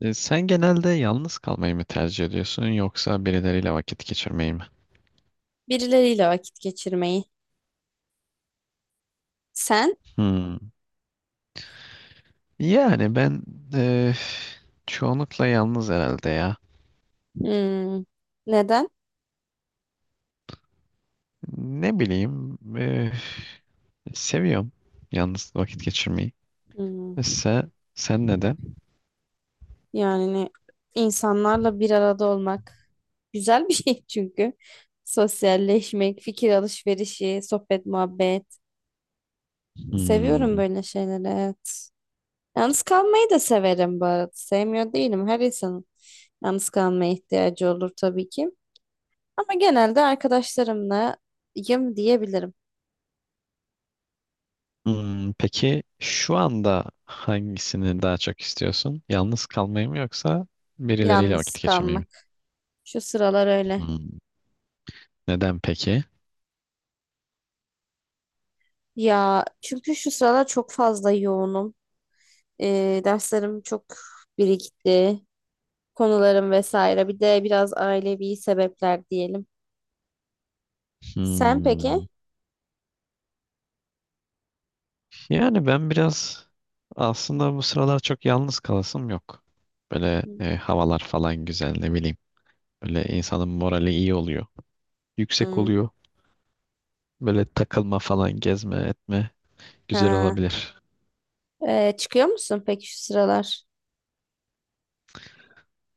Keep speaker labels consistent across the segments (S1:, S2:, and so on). S1: Sen genelde yalnız kalmayı mı tercih ediyorsun yoksa birileriyle vakit geçirmeyi mi?
S2: Birileriyle vakit geçirmeyi. Sen?
S1: Hmm. Yani ben e, çoğunlukla yalnız herhalde ya.
S2: Hmm, neden?
S1: Ne bileyim, seviyorum yalnız vakit geçirmeyi.
S2: Hmm,
S1: Mesela sen neden?
S2: yani insanlarla bir arada olmak güzel bir şey çünkü. Sosyalleşmek, fikir alışverişi, sohbet, muhabbet. Seviyorum
S1: Hmm.
S2: böyle şeyleri, evet. Yalnız kalmayı da severim bu arada. Sevmiyor değilim. Her insanın yalnız kalmaya ihtiyacı olur tabii ki. Ama genelde arkadaşlarımlayım diyebilirim.
S1: Hmm, peki şu anda hangisini daha çok istiyorsun? Yalnız kalmayı mı yoksa birileriyle
S2: Yalnız
S1: vakit geçirmeyi mi?
S2: kalmak. Şu sıralar öyle.
S1: Hmm. Neden peki?
S2: Ya çünkü şu sıralar çok fazla yoğunum. Derslerim çok birikti. Konularım vesaire. Bir de biraz ailevi sebepler diyelim. Sen
S1: Hmm.
S2: peki?
S1: Yani ben biraz aslında bu sıralar çok yalnız kalasım yok. Böyle havalar falan güzel, ne bileyim. Böyle insanın morali iyi oluyor. Yüksek
S2: Hmm.
S1: oluyor. Böyle takılma falan, gezme etme, güzel
S2: Ha.
S1: olabilir.
S2: Çıkıyor musun peki şu sıralar?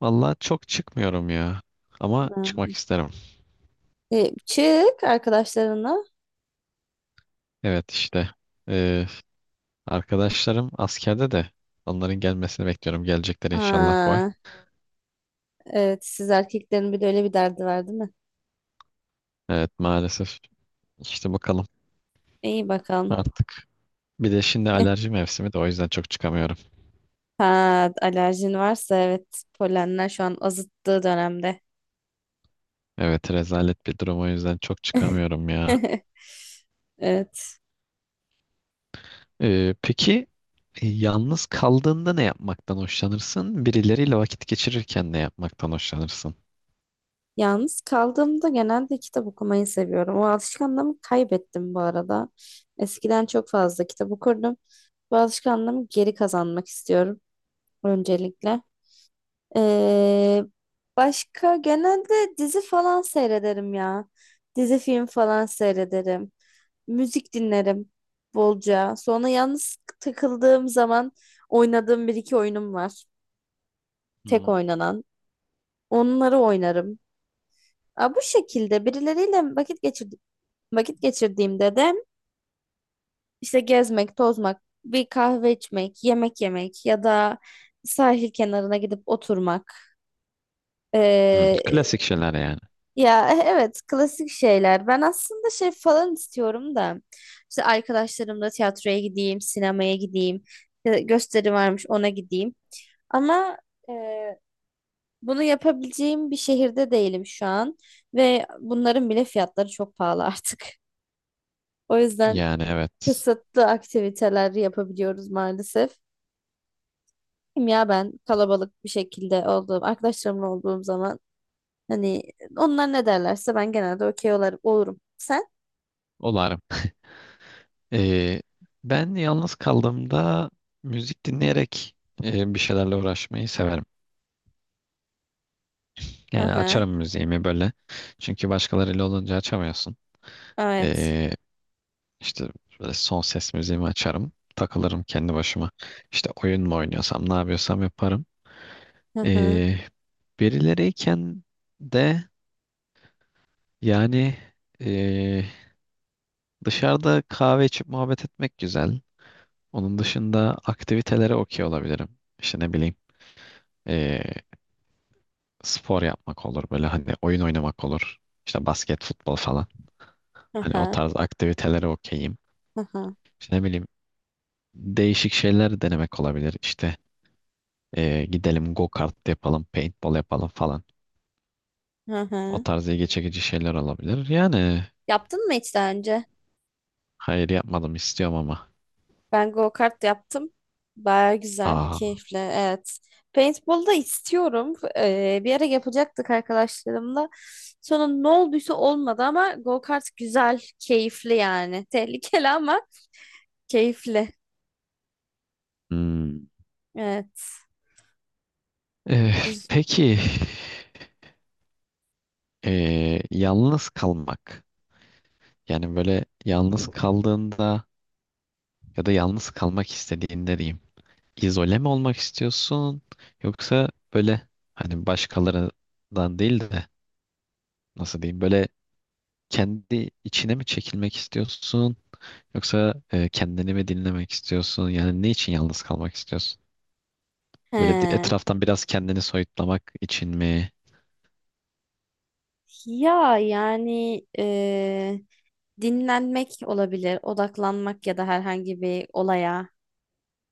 S1: Vallahi çok çıkmıyorum ya. Ama
S2: Ha.
S1: çıkmak isterim.
S2: Çık arkadaşlarına.
S1: Evet işte, e, arkadaşlarım askerde de onların gelmesini bekliyorum. Gelecekler inşallah bu ay.
S2: Ha, evet siz erkeklerin bir de öyle bir derdi var değil mi?
S1: Evet maalesef, işte bakalım
S2: İyi bakalım.
S1: artık. Bir de şimdi alerji mevsimi de, o yüzden çok çıkamıyorum.
S2: Ha, alerjin varsa evet polenler şu an azıttığı dönemde.
S1: Evet rezalet bir durum, o yüzden çok çıkamıyorum ya.
S2: Evet.
S1: Peki e, yalnız kaldığında ne yapmaktan hoşlanırsın? Birileriyle vakit geçirirken ne yapmaktan hoşlanırsın?
S2: Yalnız kaldığımda genelde kitap okumayı seviyorum. O alışkanlığımı kaybettim bu arada. Eskiden çok fazla kitap okurdum. Bu alışkanlığımı geri kazanmak istiyorum öncelikle. Ee, Başka genelde dizi falan seyrederim ya. Dizi film falan seyrederim. Müzik dinlerim bolca. Sonra yalnız takıldığım zaman oynadığım bir iki oyunum var. Tek
S1: Hmm.
S2: oynanan. Onları oynarım. Aa, bu şekilde birileriyle vakit geçir vakit geçirdiğimde de işte gezmek, tozmak, bir kahve içmek, yemek yemek ya da sahil kenarına gidip oturmak.
S1: Hmm,
S2: Ee,
S1: klasik şeyler yani.
S2: Ya evet klasik şeyler. Ben aslında şey falan istiyorum da işte arkadaşlarımla tiyatroya gideyim, sinemaya gideyim, gösteri varmış ona gideyim. Ama e, bunu yapabileceğim bir şehirde değilim şu an ve bunların bile fiyatları çok pahalı artık. O yüzden
S1: Yani evet.
S2: kısıtlı aktiviteler yapabiliyoruz maalesef. Ya ben kalabalık bir şekilde olduğum, arkadaşlarımla olduğum zaman hani onlar ne derlerse ben genelde olurum. Sen?
S1: Olarım. Ee, Ben yalnız kaldığımda müzik dinleyerek bir şeylerle uğraşmayı severim.
S2: Hı
S1: Yani
S2: hı.
S1: açarım müziğimi böyle. Çünkü başkalarıyla olunca açamıyorsun.
S2: Evet.
S1: Ee, İşte böyle son ses müziğimi açarım. Takılırım kendi başıma. İşte oyun mu oynuyorsam ne yapıyorsam yaparım.
S2: Hı hı.
S1: Ee, Birileriyken de, yani, ee, dışarıda kahve içip muhabbet etmek güzel. Onun dışında aktivitelere okey olabilirim. İşte ne bileyim, ee, spor yapmak olur, böyle hani oyun oynamak olur. İşte basket, futbol falan.
S2: Hı
S1: Hani o
S2: hı.
S1: tarz aktivitelere okeyim.
S2: Hı hı.
S1: İşte ne bileyim, değişik şeyler denemek olabilir. İşte, gidelim go kart yapalım, paintball yapalım falan.
S2: Hı
S1: O
S2: hı.
S1: tarz ilgi çekici şeyler olabilir. Yani
S2: Yaptın mı hiç daha önce?
S1: hayır, yapmadım, istiyorum ama.
S2: Ben go-kart yaptım. Baya güzel,
S1: Aa,
S2: keyifli. Evet. Paintball da istiyorum. Bir ara yapacaktık arkadaşlarımla. Sonra ne olduysa olmadı ama go-kart güzel, keyifli yani. Tehlikeli ama keyifli.
S1: hmm.
S2: Evet.
S1: Ee,
S2: Güz-
S1: peki, yalnız kalmak. Yani böyle yalnız kaldığında ya da yalnız kalmak istediğinde diyeyim. İzole mi olmak istiyorsun? Yoksa böyle, hani başkalarından değil de, nasıl diyeyim böyle, kendi içine mi çekilmek istiyorsun? Yoksa kendini mi dinlemek istiyorsun? Yani ne için yalnız kalmak istiyorsun?
S2: He.
S1: Etraftan biraz kendini soyutlamak için mi?
S2: Ya yani e, Dinlenmek olabilir, odaklanmak ya da herhangi bir olaya.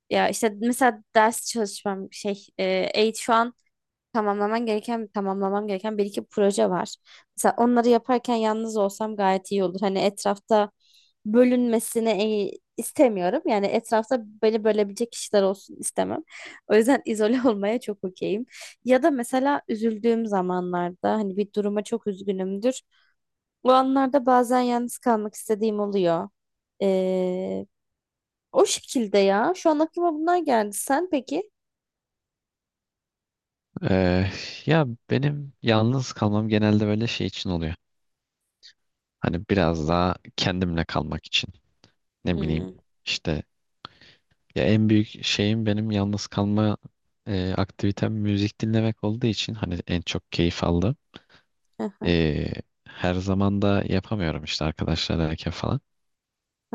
S2: Ya işte mesela ders çalışmam şu an tamamlamam gereken bir iki proje var. Mesela onları yaparken yalnız olsam gayet iyi olur. Hani etrafta bölünmesini istemiyorum. Yani etrafta beni bölebilecek kişiler olsun istemem. O yüzden izole olmaya çok okeyim. Ya da mesela üzüldüğüm zamanlarda hani bir duruma çok üzgünümdür. O anlarda bazen yalnız kalmak istediğim oluyor. Ee, O şekilde ya. Şu an aklıma bunlar geldi. Sen peki?
S1: E, Ya benim yalnız kalmam genelde böyle şey için oluyor. Hani biraz daha kendimle kalmak için. Ne bileyim,
S2: Hmm.
S1: işte, ya en büyük şeyim, benim yalnız kalma aktivitem müzik dinlemek olduğu için hani en çok keyif aldım.
S2: Aha,
S1: E, Her zaman da yapamıyorum işte arkadaşlarla falan.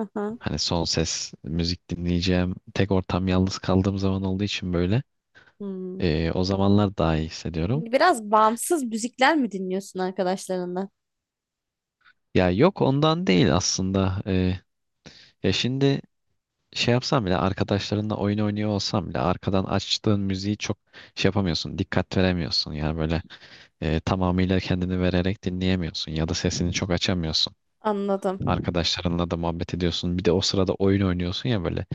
S2: aha,
S1: Hani son ses müzik dinleyeceğim. Tek ortam yalnız kaldığım zaman olduğu için böyle,
S2: hmm.
S1: o zamanlar daha iyi hissediyorum.
S2: Biraz bağımsız müzikler mi dinliyorsun arkadaşlarından?
S1: Ya yok, ondan değil aslında. Ya şimdi şey yapsam bile, arkadaşlarınla oyun oynuyor olsam bile, arkadan açtığın müziği çok şey yapamıyorsun. Dikkat veremiyorsun. Yani böyle tamamıyla kendini vererek dinleyemiyorsun. Ya da sesini çok açamıyorsun.
S2: Anladım.
S1: Arkadaşlarınla da muhabbet ediyorsun. Bir de o sırada oyun oynuyorsun ya böyle.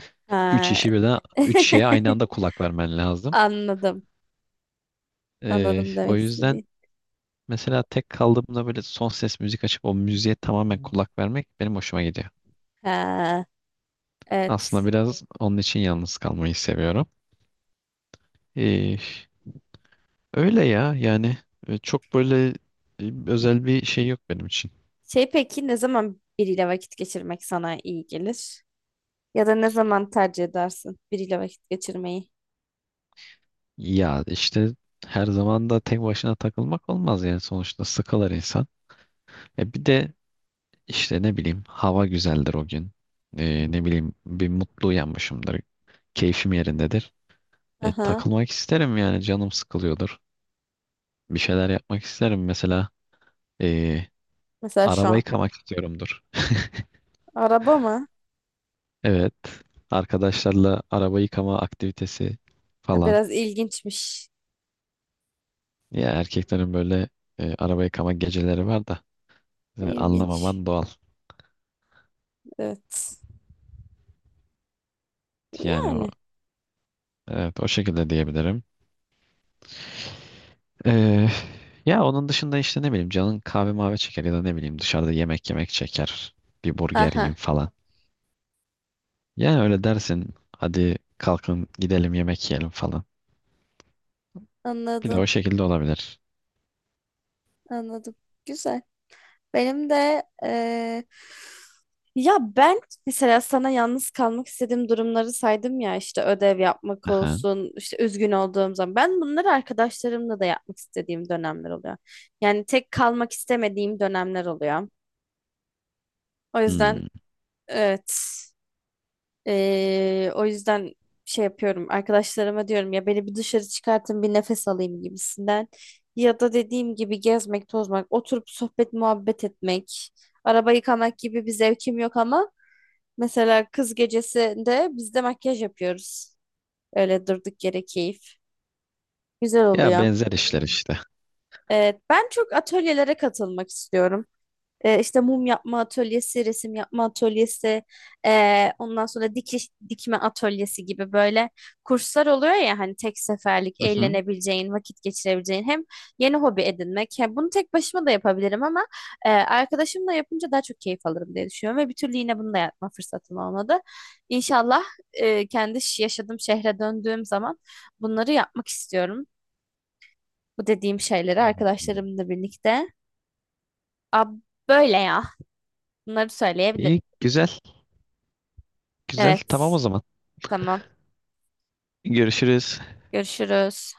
S1: Üç
S2: Ha.
S1: işi birden, üç şeye aynı anda kulak vermen lazım.
S2: Anladım. Anladım
S1: O
S2: demek
S1: yüzden
S2: istediğin.
S1: mesela tek kaldığımda böyle son ses müzik açıp o müziğe tamamen kulak vermek benim hoşuma gidiyor.
S2: Ha.
S1: Aslında
S2: Evet.
S1: biraz onun için yalnız kalmayı seviyorum. Ee, Öyle ya yani, çok böyle özel bir şey yok benim için.
S2: Şey peki ne zaman biriyle vakit geçirmek sana iyi gelir? Ya da ne zaman tercih edersin biriyle vakit geçirmeyi?
S1: Ya işte her zaman da tek başına takılmak olmaz, yani sonuçta sıkılır insan. E bir de işte ne bileyim, hava güzeldir o gün. Ne bileyim, bir mutlu uyanmışımdır. Keyfim yerindedir.
S2: Aha.
S1: Takılmak isterim, yani canım sıkılıyordur. Bir şeyler yapmak isterim. Mesela eee
S2: Mesela şu
S1: araba
S2: an.
S1: yıkamak istiyorumdur.
S2: Araba mı?
S1: Evet. Arkadaşlarla araba yıkama aktivitesi
S2: Ha,
S1: falan.
S2: biraz ilginçmiş.
S1: Ya erkeklerin böyle araba yıkama geceleri var da
S2: İlginç.
S1: anlamaman doğal.
S2: Evet.
S1: Yani o,
S2: Yani.
S1: evet, o şekilde diyebilirim. Eee, Ya onun dışında işte ne bileyim, canın kahve mavi çeker ya da ne bileyim dışarıda yemek yemek çeker. Bir burger yiyeyim
S2: Aha.
S1: falan. Yani öyle dersin, hadi kalkın gidelim yemek yiyelim falan. Bir de
S2: Anladım.
S1: o şekilde olabilir.
S2: Anladım. Güzel. Benim de Ya ben mesela sana yalnız kalmak istediğim durumları saydım ya işte ödev yapmak
S1: Aha.
S2: olsun işte üzgün olduğum zaman ben bunları arkadaşlarımla da yapmak istediğim dönemler oluyor. Yani tek kalmak istemediğim dönemler oluyor. O yüzden
S1: Hmm.
S2: evet o yüzden şey yapıyorum arkadaşlarıma diyorum ya beni bir dışarı çıkartın bir nefes alayım gibisinden. Ya da dediğim gibi gezmek, tozmak, oturup sohbet muhabbet etmek, araba yıkamak gibi bir zevkim yok ama mesela kız gecesinde biz de makyaj yapıyoruz. Öyle durduk yere keyif. Güzel
S1: Ya
S2: oluyor.
S1: benzer işler işte.
S2: Evet, ben çok atölyelere katılmak istiyorum. İşte mum yapma atölyesi, resim yapma atölyesi, ondan sonra dikiş dikme atölyesi gibi böyle kurslar oluyor ya hani tek seferlik
S1: Hı hı.
S2: eğlenebileceğin, vakit geçirebileceğin hem yeni hobi edinmek. Hem bunu tek başıma da yapabilirim ama arkadaşımla yapınca daha çok keyif alırım diye düşünüyorum ve bir türlü yine bunu da yapma fırsatım olmadı. İnşallah yaşadığım şehre döndüğüm zaman bunları yapmak istiyorum. Bu dediğim şeyleri arkadaşlarımla birlikte. Ab Böyle ya. Bunları söyleyebilirim.
S1: İyi, güzel, güzel.
S2: Evet.
S1: Tamam o zaman.
S2: Tamam.
S1: Görüşürüz.
S2: Görüşürüz.